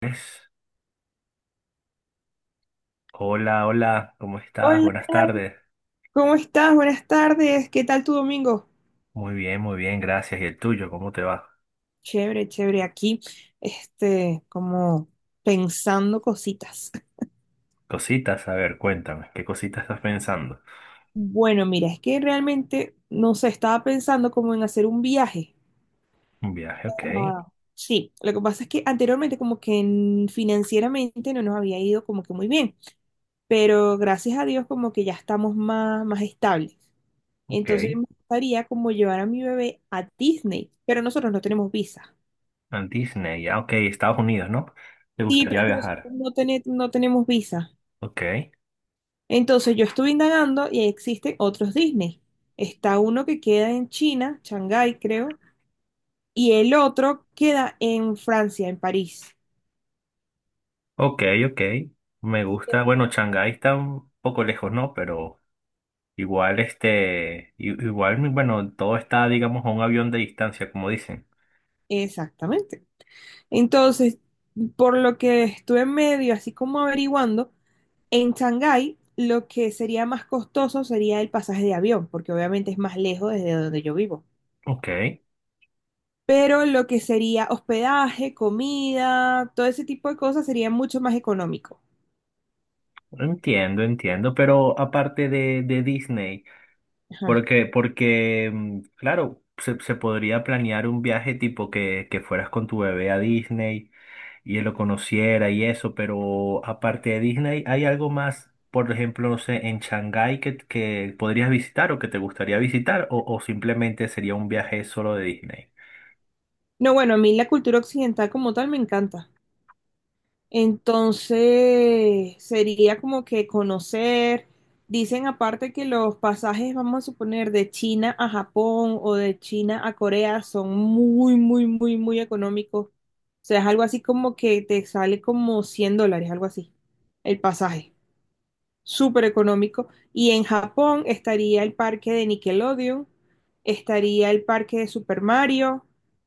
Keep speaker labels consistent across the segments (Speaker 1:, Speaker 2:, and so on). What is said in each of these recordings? Speaker 1: Pues. Hola, hola, ¿cómo estás?
Speaker 2: Hola,
Speaker 1: Buenas tardes.
Speaker 2: ¿cómo estás? Buenas tardes. ¿Qué tal tu domingo?
Speaker 1: Muy bien, gracias. ¿Y el tuyo? ¿Cómo te va?
Speaker 2: Chévere, chévere. Aquí, como pensando cositas.
Speaker 1: Cositas, a ver, cuéntame, ¿qué cositas estás pensando?
Speaker 2: Bueno, mira, es que realmente, no sé, estaba pensando como en hacer un viaje.
Speaker 1: Un viaje, ok,
Speaker 2: Ah, sí, lo que pasa es que anteriormente como que financieramente no nos había ido como que muy bien, pero gracias a Dios como que ya estamos más estables. Entonces
Speaker 1: ok.
Speaker 2: me gustaría como llevar a mi bebé a Disney, pero nosotros no tenemos visa.
Speaker 1: A Disney, ya, ok, Estados Unidos, ¿no? ¿Te
Speaker 2: Sí, pero
Speaker 1: gustaría
Speaker 2: es que nosotros
Speaker 1: viajar?
Speaker 2: no, no tenemos visa.
Speaker 1: Ok,
Speaker 2: Entonces yo estuve indagando y existen otros Disney. Está uno que queda en China, Shanghái creo, y el otro queda en Francia, en París.
Speaker 1: ok, ok. Me gusta, bueno, Shanghái está un poco lejos, ¿no? Pero igual, igual, bueno, todo está, digamos, a un avión de distancia, como dicen.
Speaker 2: Exactamente. Entonces, por lo que estuve en medio, así como averiguando, en Shanghái lo que sería más costoso sería el pasaje de avión, porque obviamente es más lejos desde donde yo vivo.
Speaker 1: Ok,
Speaker 2: Pero lo que sería hospedaje, comida, todo ese tipo de cosas sería mucho más económico.
Speaker 1: entiendo, entiendo, pero aparte de, Disney.
Speaker 2: Ajá.
Speaker 1: Porque, claro, se podría planear un viaje tipo que fueras con tu bebé a Disney y él lo conociera y eso, pero aparte de Disney, ¿hay algo más, por ejemplo, no sé, en Shanghái que podrías visitar o que te gustaría visitar o simplemente sería un viaje solo de Disney?
Speaker 2: No, bueno, a mí la cultura occidental como tal me encanta. Entonces, sería como que conocer, dicen aparte que los pasajes, vamos a suponer, de China a Japón o de China a Corea son muy, muy, muy, muy económicos. O sea, es algo así como que te sale como $100, algo así, el pasaje, súper económico. Y en Japón estaría el parque de Nickelodeon, estaría el parque de Super Mario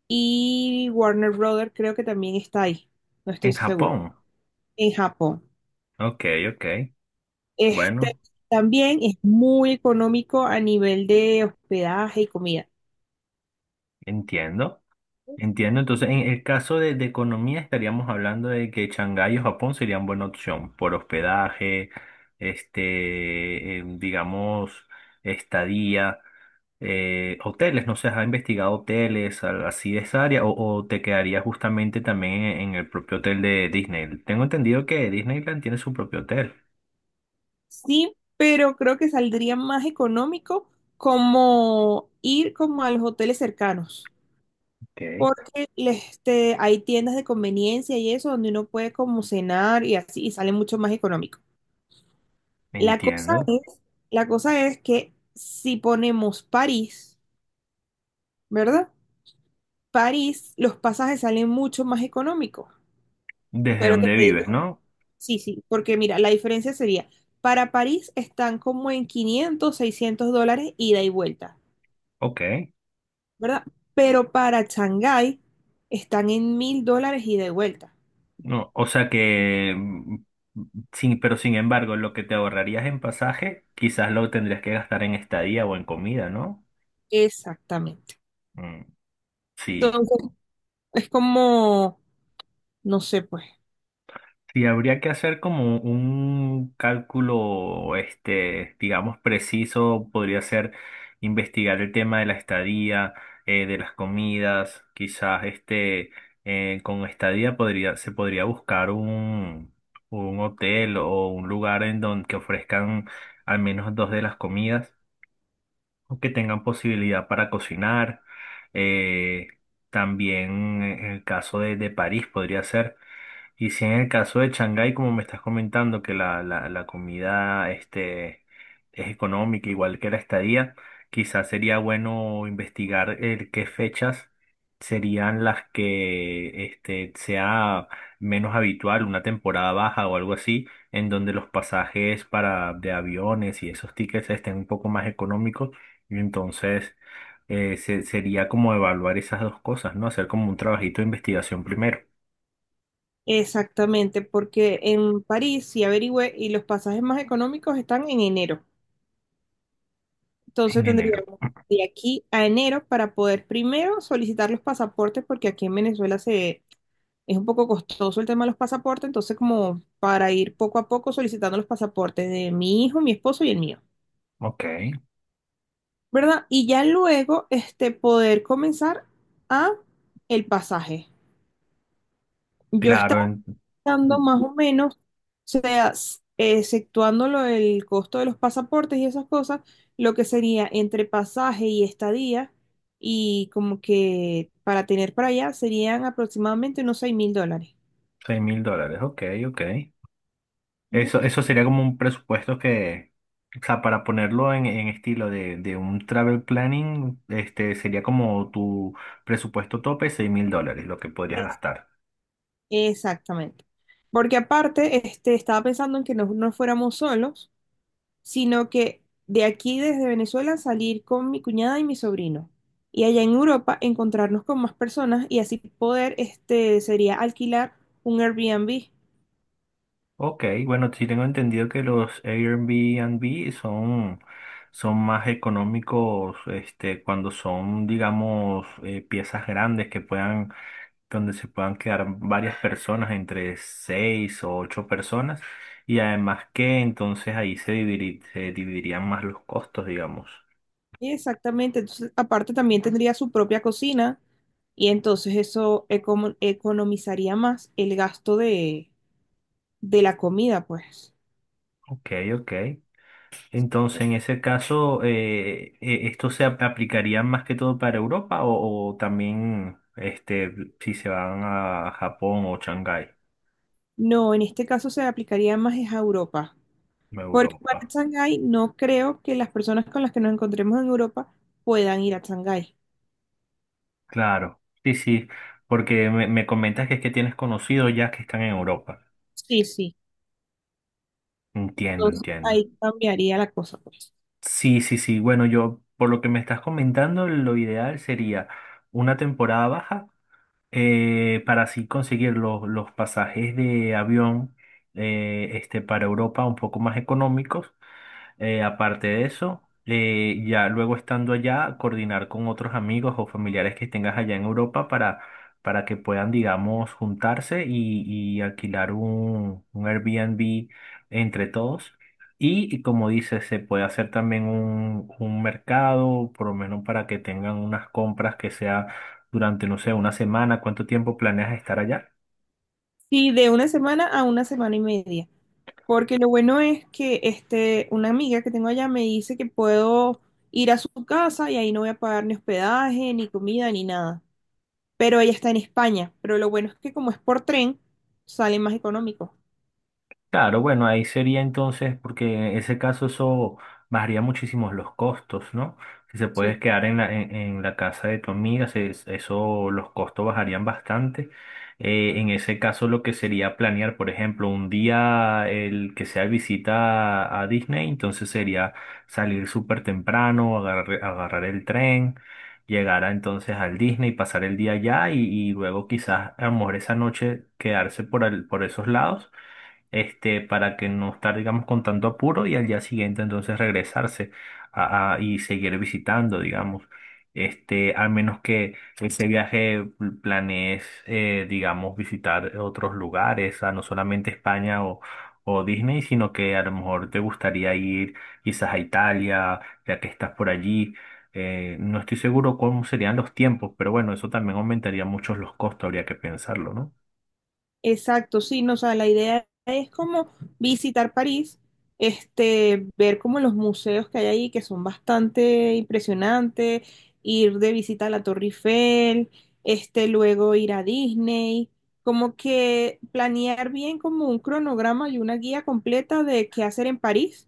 Speaker 2: y Warner Brothers creo que también está ahí, no
Speaker 1: En
Speaker 2: estoy seguro,
Speaker 1: Japón.
Speaker 2: en Japón.
Speaker 1: Ok, ok.
Speaker 2: Este
Speaker 1: Bueno,
Speaker 2: también es muy económico a nivel de hospedaje y comida.
Speaker 1: entiendo. Entiendo, entonces en el caso de, economía estaríamos hablando de que Shanghái o Japón serían buena opción por hospedaje, este, digamos, estadía, hoteles, no sé, ¿has investigado hoteles así de esa área o te quedaría justamente también en el propio hotel de Disney? Tengo entendido que Disneyland tiene su propio hotel.
Speaker 2: Sí, pero creo que saldría más económico como ir como a los hoteles cercanos.
Speaker 1: Ok.
Speaker 2: Porque hay tiendas de conveniencia y eso donde uno puede como cenar y así y sale mucho más económico. La cosa
Speaker 1: Entiendo.
Speaker 2: es, la cosa es que si ponemos París, ¿verdad? París, los pasajes salen mucho más económicos.
Speaker 1: Desde
Speaker 2: Pero que
Speaker 1: donde
Speaker 2: te
Speaker 1: vives,
Speaker 2: digo,
Speaker 1: ¿no?
Speaker 2: sí, sí, porque mira, la diferencia sería, para París están como en 500, $600 ida y vuelta,
Speaker 1: Ok.
Speaker 2: ¿verdad? Pero para Shanghái están en $1000 ida y vuelta.
Speaker 1: No, o sea que, sin, pero sin embargo, lo que te ahorrarías en pasaje, quizás lo tendrías que gastar en estadía o en comida, ¿no?
Speaker 2: Exactamente.
Speaker 1: Mm, sí.
Speaker 2: Es como, no sé, pues,
Speaker 1: Sí, habría que hacer como un cálculo, este, digamos, preciso. Podría ser investigar el tema de la estadía, de las comidas. Quizás este, con estadía se podría buscar un, hotel o un lugar en donde que ofrezcan al menos dos de las comidas o que tengan posibilidad para cocinar. Eh, también en el caso de París podría ser. Y si en el caso de Shanghái, como me estás comentando, que la comida este, es económica, igual que la estadía, quizás sería bueno investigar qué fechas serían las que este, sea menos habitual, una temporada baja o algo así, en donde los pasajes de aviones y esos tickets estén un poco más económicos. Y entonces sería como evaluar esas dos cosas, ¿no? Hacer como un trabajito de investigación primero,
Speaker 2: exactamente, porque en París sí averigüé y los pasajes más económicos están en enero. Entonces
Speaker 1: en enero.
Speaker 2: tendríamos de aquí a enero para poder primero solicitar los pasaportes, porque aquí en Venezuela se es un poco costoso el tema de los pasaportes, entonces como para ir poco a poco solicitando los pasaportes de mi hijo, mi esposo y el mío,
Speaker 1: Ok,
Speaker 2: ¿verdad? Y ya luego, poder comenzar a el pasaje. Yo
Speaker 1: claro, en
Speaker 2: dando más o menos, o sea, exceptuando lo del costo de los pasaportes y esas cosas, lo que sería entre pasaje y estadía, y como que para tener para allá serían aproximadamente unos $6000.
Speaker 1: $6,000, ok, ok. Eso,
Speaker 2: ¿Entiendes?
Speaker 1: eso sería como un presupuesto que, o sea, para ponerlo en, estilo de un travel planning, este sería como tu presupuesto tope, $6,000, lo que podrías gastar.
Speaker 2: Exactamente. Porque aparte, estaba pensando en que no nos fuéramos solos, sino que de aquí desde Venezuela salir con mi cuñada y mi sobrino. Y allá en Europa encontrarnos con más personas y así poder, sería alquilar un Airbnb.
Speaker 1: Ok, bueno, sí tengo entendido que los Airbnb son más económicos, este, cuando son, digamos, piezas grandes que puedan donde se puedan quedar varias personas, entre seis o ocho personas, y además que entonces ahí se dividirían más los costos, digamos.
Speaker 2: Exactamente, entonces aparte también tendría su propia cocina y entonces eso economizaría más el gasto de la comida, pues.
Speaker 1: Ok, ok. Entonces, en ese caso, ¿esto aplicaría más que todo para Europa o también este, si se van a Japón o Shanghái,
Speaker 2: No, en este caso se aplicaría más es a Europa, porque para
Speaker 1: Europa?
Speaker 2: Shanghái no creo que las personas con las que nos encontremos en Europa puedan ir a Shanghái.
Speaker 1: Claro, sí, sí, porque me comentas que es que tienes conocidos ya que están en Europa.
Speaker 2: Sí, sí.
Speaker 1: Entiendo,
Speaker 2: Entonces
Speaker 1: entiendo.
Speaker 2: ahí cambiaría la cosa, pues.
Speaker 1: Sí, sí, sí. Bueno, yo, por lo que me estás comentando, lo ideal sería una temporada baja para así conseguir los, pasajes de avión este, para Europa un poco más económicos aparte de eso, ya luego estando allá, coordinar con otros amigos o familiares que tengas allá en Europa para que puedan, digamos, juntarse y alquilar un, Airbnb entre todos. Y como dices, se puede hacer también un mercado, por lo menos para que tengan unas compras que sea durante, no sé, una semana. ¿Cuánto tiempo planeas estar allá?
Speaker 2: Sí, de una semana a una semana y media. Porque lo bueno es que una amiga que tengo allá me dice que puedo ir a su casa y ahí no voy a pagar ni hospedaje, ni comida, ni nada. Pero ella está en España. Pero lo bueno es que como es por tren, sale más económico.
Speaker 1: Claro, bueno, ahí sería entonces, porque en ese caso eso bajaría muchísimo los costos, ¿no? Si se puedes
Speaker 2: Sí.
Speaker 1: quedar en la, en la casa de tu amiga, eso, los costos bajarían bastante. En ese caso lo que sería planear, por ejemplo, un día el que sea visita a Disney, entonces sería salir súper temprano, agarrar el tren, llegar entonces al Disney, pasar el día allá y luego quizás a lo mejor esa noche quedarse por esos lados este, para que no estar, digamos, con tanto apuro y al día siguiente entonces regresarse y seguir visitando, digamos. Este, al menos que ese viaje planees, digamos, visitar otros lugares, a no solamente España o Disney, sino que a lo mejor te gustaría ir quizás a Italia, ya que estás por allí. No estoy seguro cómo serían los tiempos, pero bueno, eso también aumentaría mucho los costos, habría que pensarlo, ¿no?
Speaker 2: Exacto, sí, no, o sea, la idea es como visitar París, ver como los museos que hay ahí, que son bastante impresionantes, ir de visita a la Torre Eiffel, luego ir a Disney, como que planear bien como un cronograma y una guía completa de qué hacer en París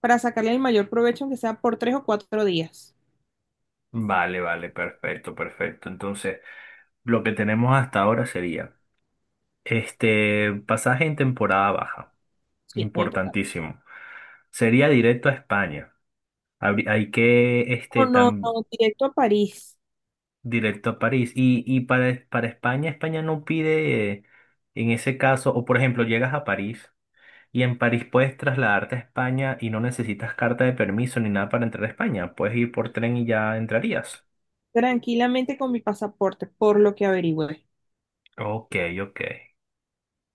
Speaker 2: para sacarle el mayor provecho, aunque sea por 3 o 4 días.
Speaker 1: Vale, vale, perfecto, perfecto. Entonces, lo que tenemos hasta ahora sería este pasaje en temporada baja,
Speaker 2: Sí, muy importante.
Speaker 1: importantísimo. Sería directo a España. Hay que
Speaker 2: O
Speaker 1: este
Speaker 2: no,
Speaker 1: tan
Speaker 2: no, directo a París,
Speaker 1: directo a París. Y para, España no pide en ese caso, o por ejemplo, llegas a París y en París puedes trasladarte a España y no necesitas carta de permiso ni nada para entrar a España. Puedes ir por tren y ya entrarías.
Speaker 2: tranquilamente con mi pasaporte, por lo que averigüé.
Speaker 1: Ok, ok.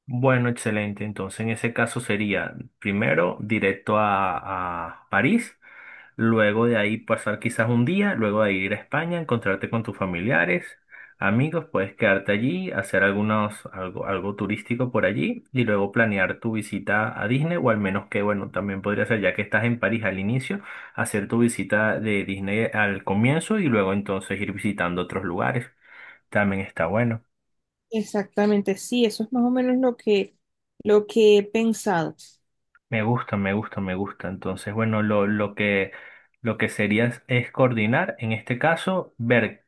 Speaker 1: Bueno, excelente. Entonces, en ese caso sería primero directo a París, luego de ahí pasar quizás un día, luego de ir a España, encontrarte con tus familiares, amigos, puedes quedarte allí, hacer algo turístico por allí y luego planear tu visita a Disney o al menos que, bueno, también podría ser, ya que estás en París al inicio, hacer tu visita de Disney al comienzo y luego entonces ir visitando otros lugares. También está bueno.
Speaker 2: Exactamente, sí, eso es más o menos lo que he pensado.
Speaker 1: Me gusta, me gusta, me gusta. Entonces, bueno, lo que sería es coordinar, en este caso, ver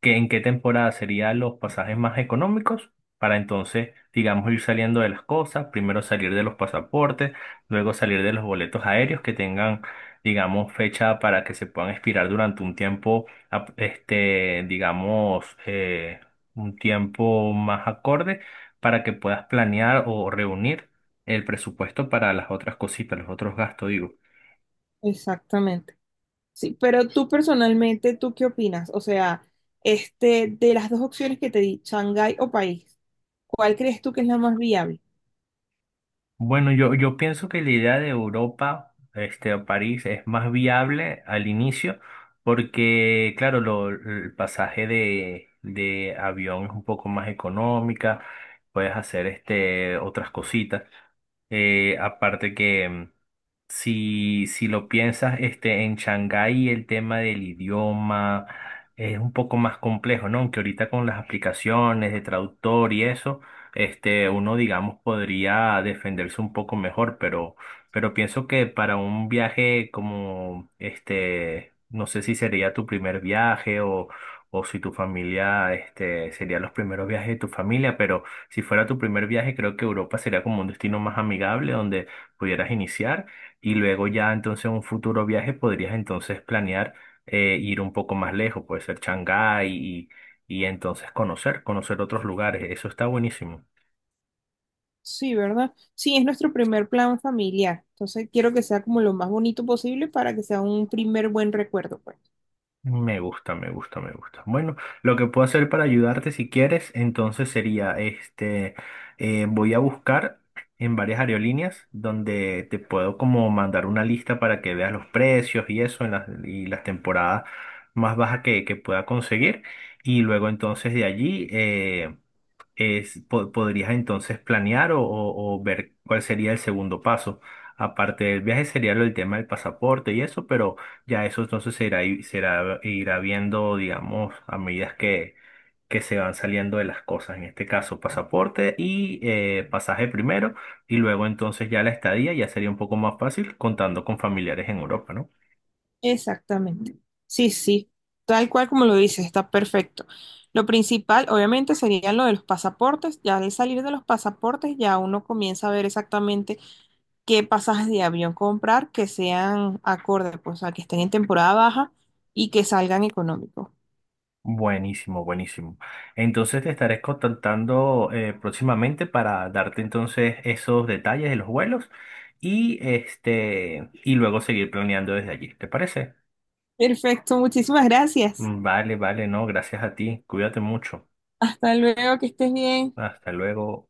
Speaker 1: en qué temporada serían los pasajes más económicos para entonces, digamos, ir saliendo de las cosas, primero salir de los pasaportes, luego salir de los boletos aéreos que tengan, digamos, fecha para que se puedan expirar durante un tiempo, este, digamos, un tiempo más acorde para que puedas planear o reunir el presupuesto para las otras cositas, los otros gastos, digo.
Speaker 2: Exactamente. Sí, pero tú personalmente, ¿tú qué opinas? O sea, de las dos opciones que te di, Shanghái o país, ¿cuál crees tú que es la más viable?
Speaker 1: Bueno, yo pienso que la idea de Europa, este, o París, es más viable al inicio, porque, claro, el pasaje de avión es un poco más económica, puedes hacer este, otras cositas. Aparte que si lo piensas, este, en Shanghái el tema del idioma es un poco más complejo, ¿no? Aunque ahorita con las aplicaciones de traductor y eso, este, uno, digamos, podría defenderse un poco mejor, pero pienso que para un viaje como, este, no sé si sería tu primer viaje o si tu familia, este, sería los primeros viajes de tu familia, pero si fuera tu primer viaje, creo que Europa sería como un destino más amigable donde pudieras iniciar. Y luego ya entonces en un futuro viaje podrías entonces planear ir un poco más lejos, puede ser Shanghái y entonces conocer otros lugares. Eso está buenísimo.
Speaker 2: Sí, ¿verdad? Sí, es nuestro primer plan familiar. Entonces, quiero que sea como lo más bonito posible para que sea un primer buen recuerdo, pues.
Speaker 1: Me gusta, me gusta, me gusta. Bueno, lo que puedo hacer para ayudarte si quieres, entonces sería este, voy a buscar en varias aerolíneas donde te puedo como mandar una lista para que veas los precios y eso en y las temporadas más bajas que pueda conseguir. Y luego entonces de allí podrías entonces planear o ver cuál sería el segundo paso. Aparte del viaje sería el tema del pasaporte y eso, pero ya eso entonces se irá, i- será- irá viendo, digamos, a medida que se van saliendo de las cosas. En este caso, pasaporte y pasaje primero, y luego entonces ya la estadía ya sería un poco más fácil contando con familiares en Europa, ¿no?
Speaker 2: Exactamente. Sí, sí, tal cual como lo dices, está perfecto. Lo principal, obviamente, sería lo de los pasaportes. Ya al salir de los pasaportes, ya uno comienza a ver exactamente qué pasajes de avión comprar que sean acorde, pues, a que estén en temporada baja y que salgan económicos.
Speaker 1: Buenísimo, buenísimo. Entonces te estaré contactando próximamente para darte entonces esos detalles de los vuelos y y luego seguir planeando desde allí. ¿Te parece?
Speaker 2: Perfecto, muchísimas gracias.
Speaker 1: Mm, vale, vale, no, gracias a ti. Cuídate mucho.
Speaker 2: Hasta luego, que estés bien.
Speaker 1: Hasta luego.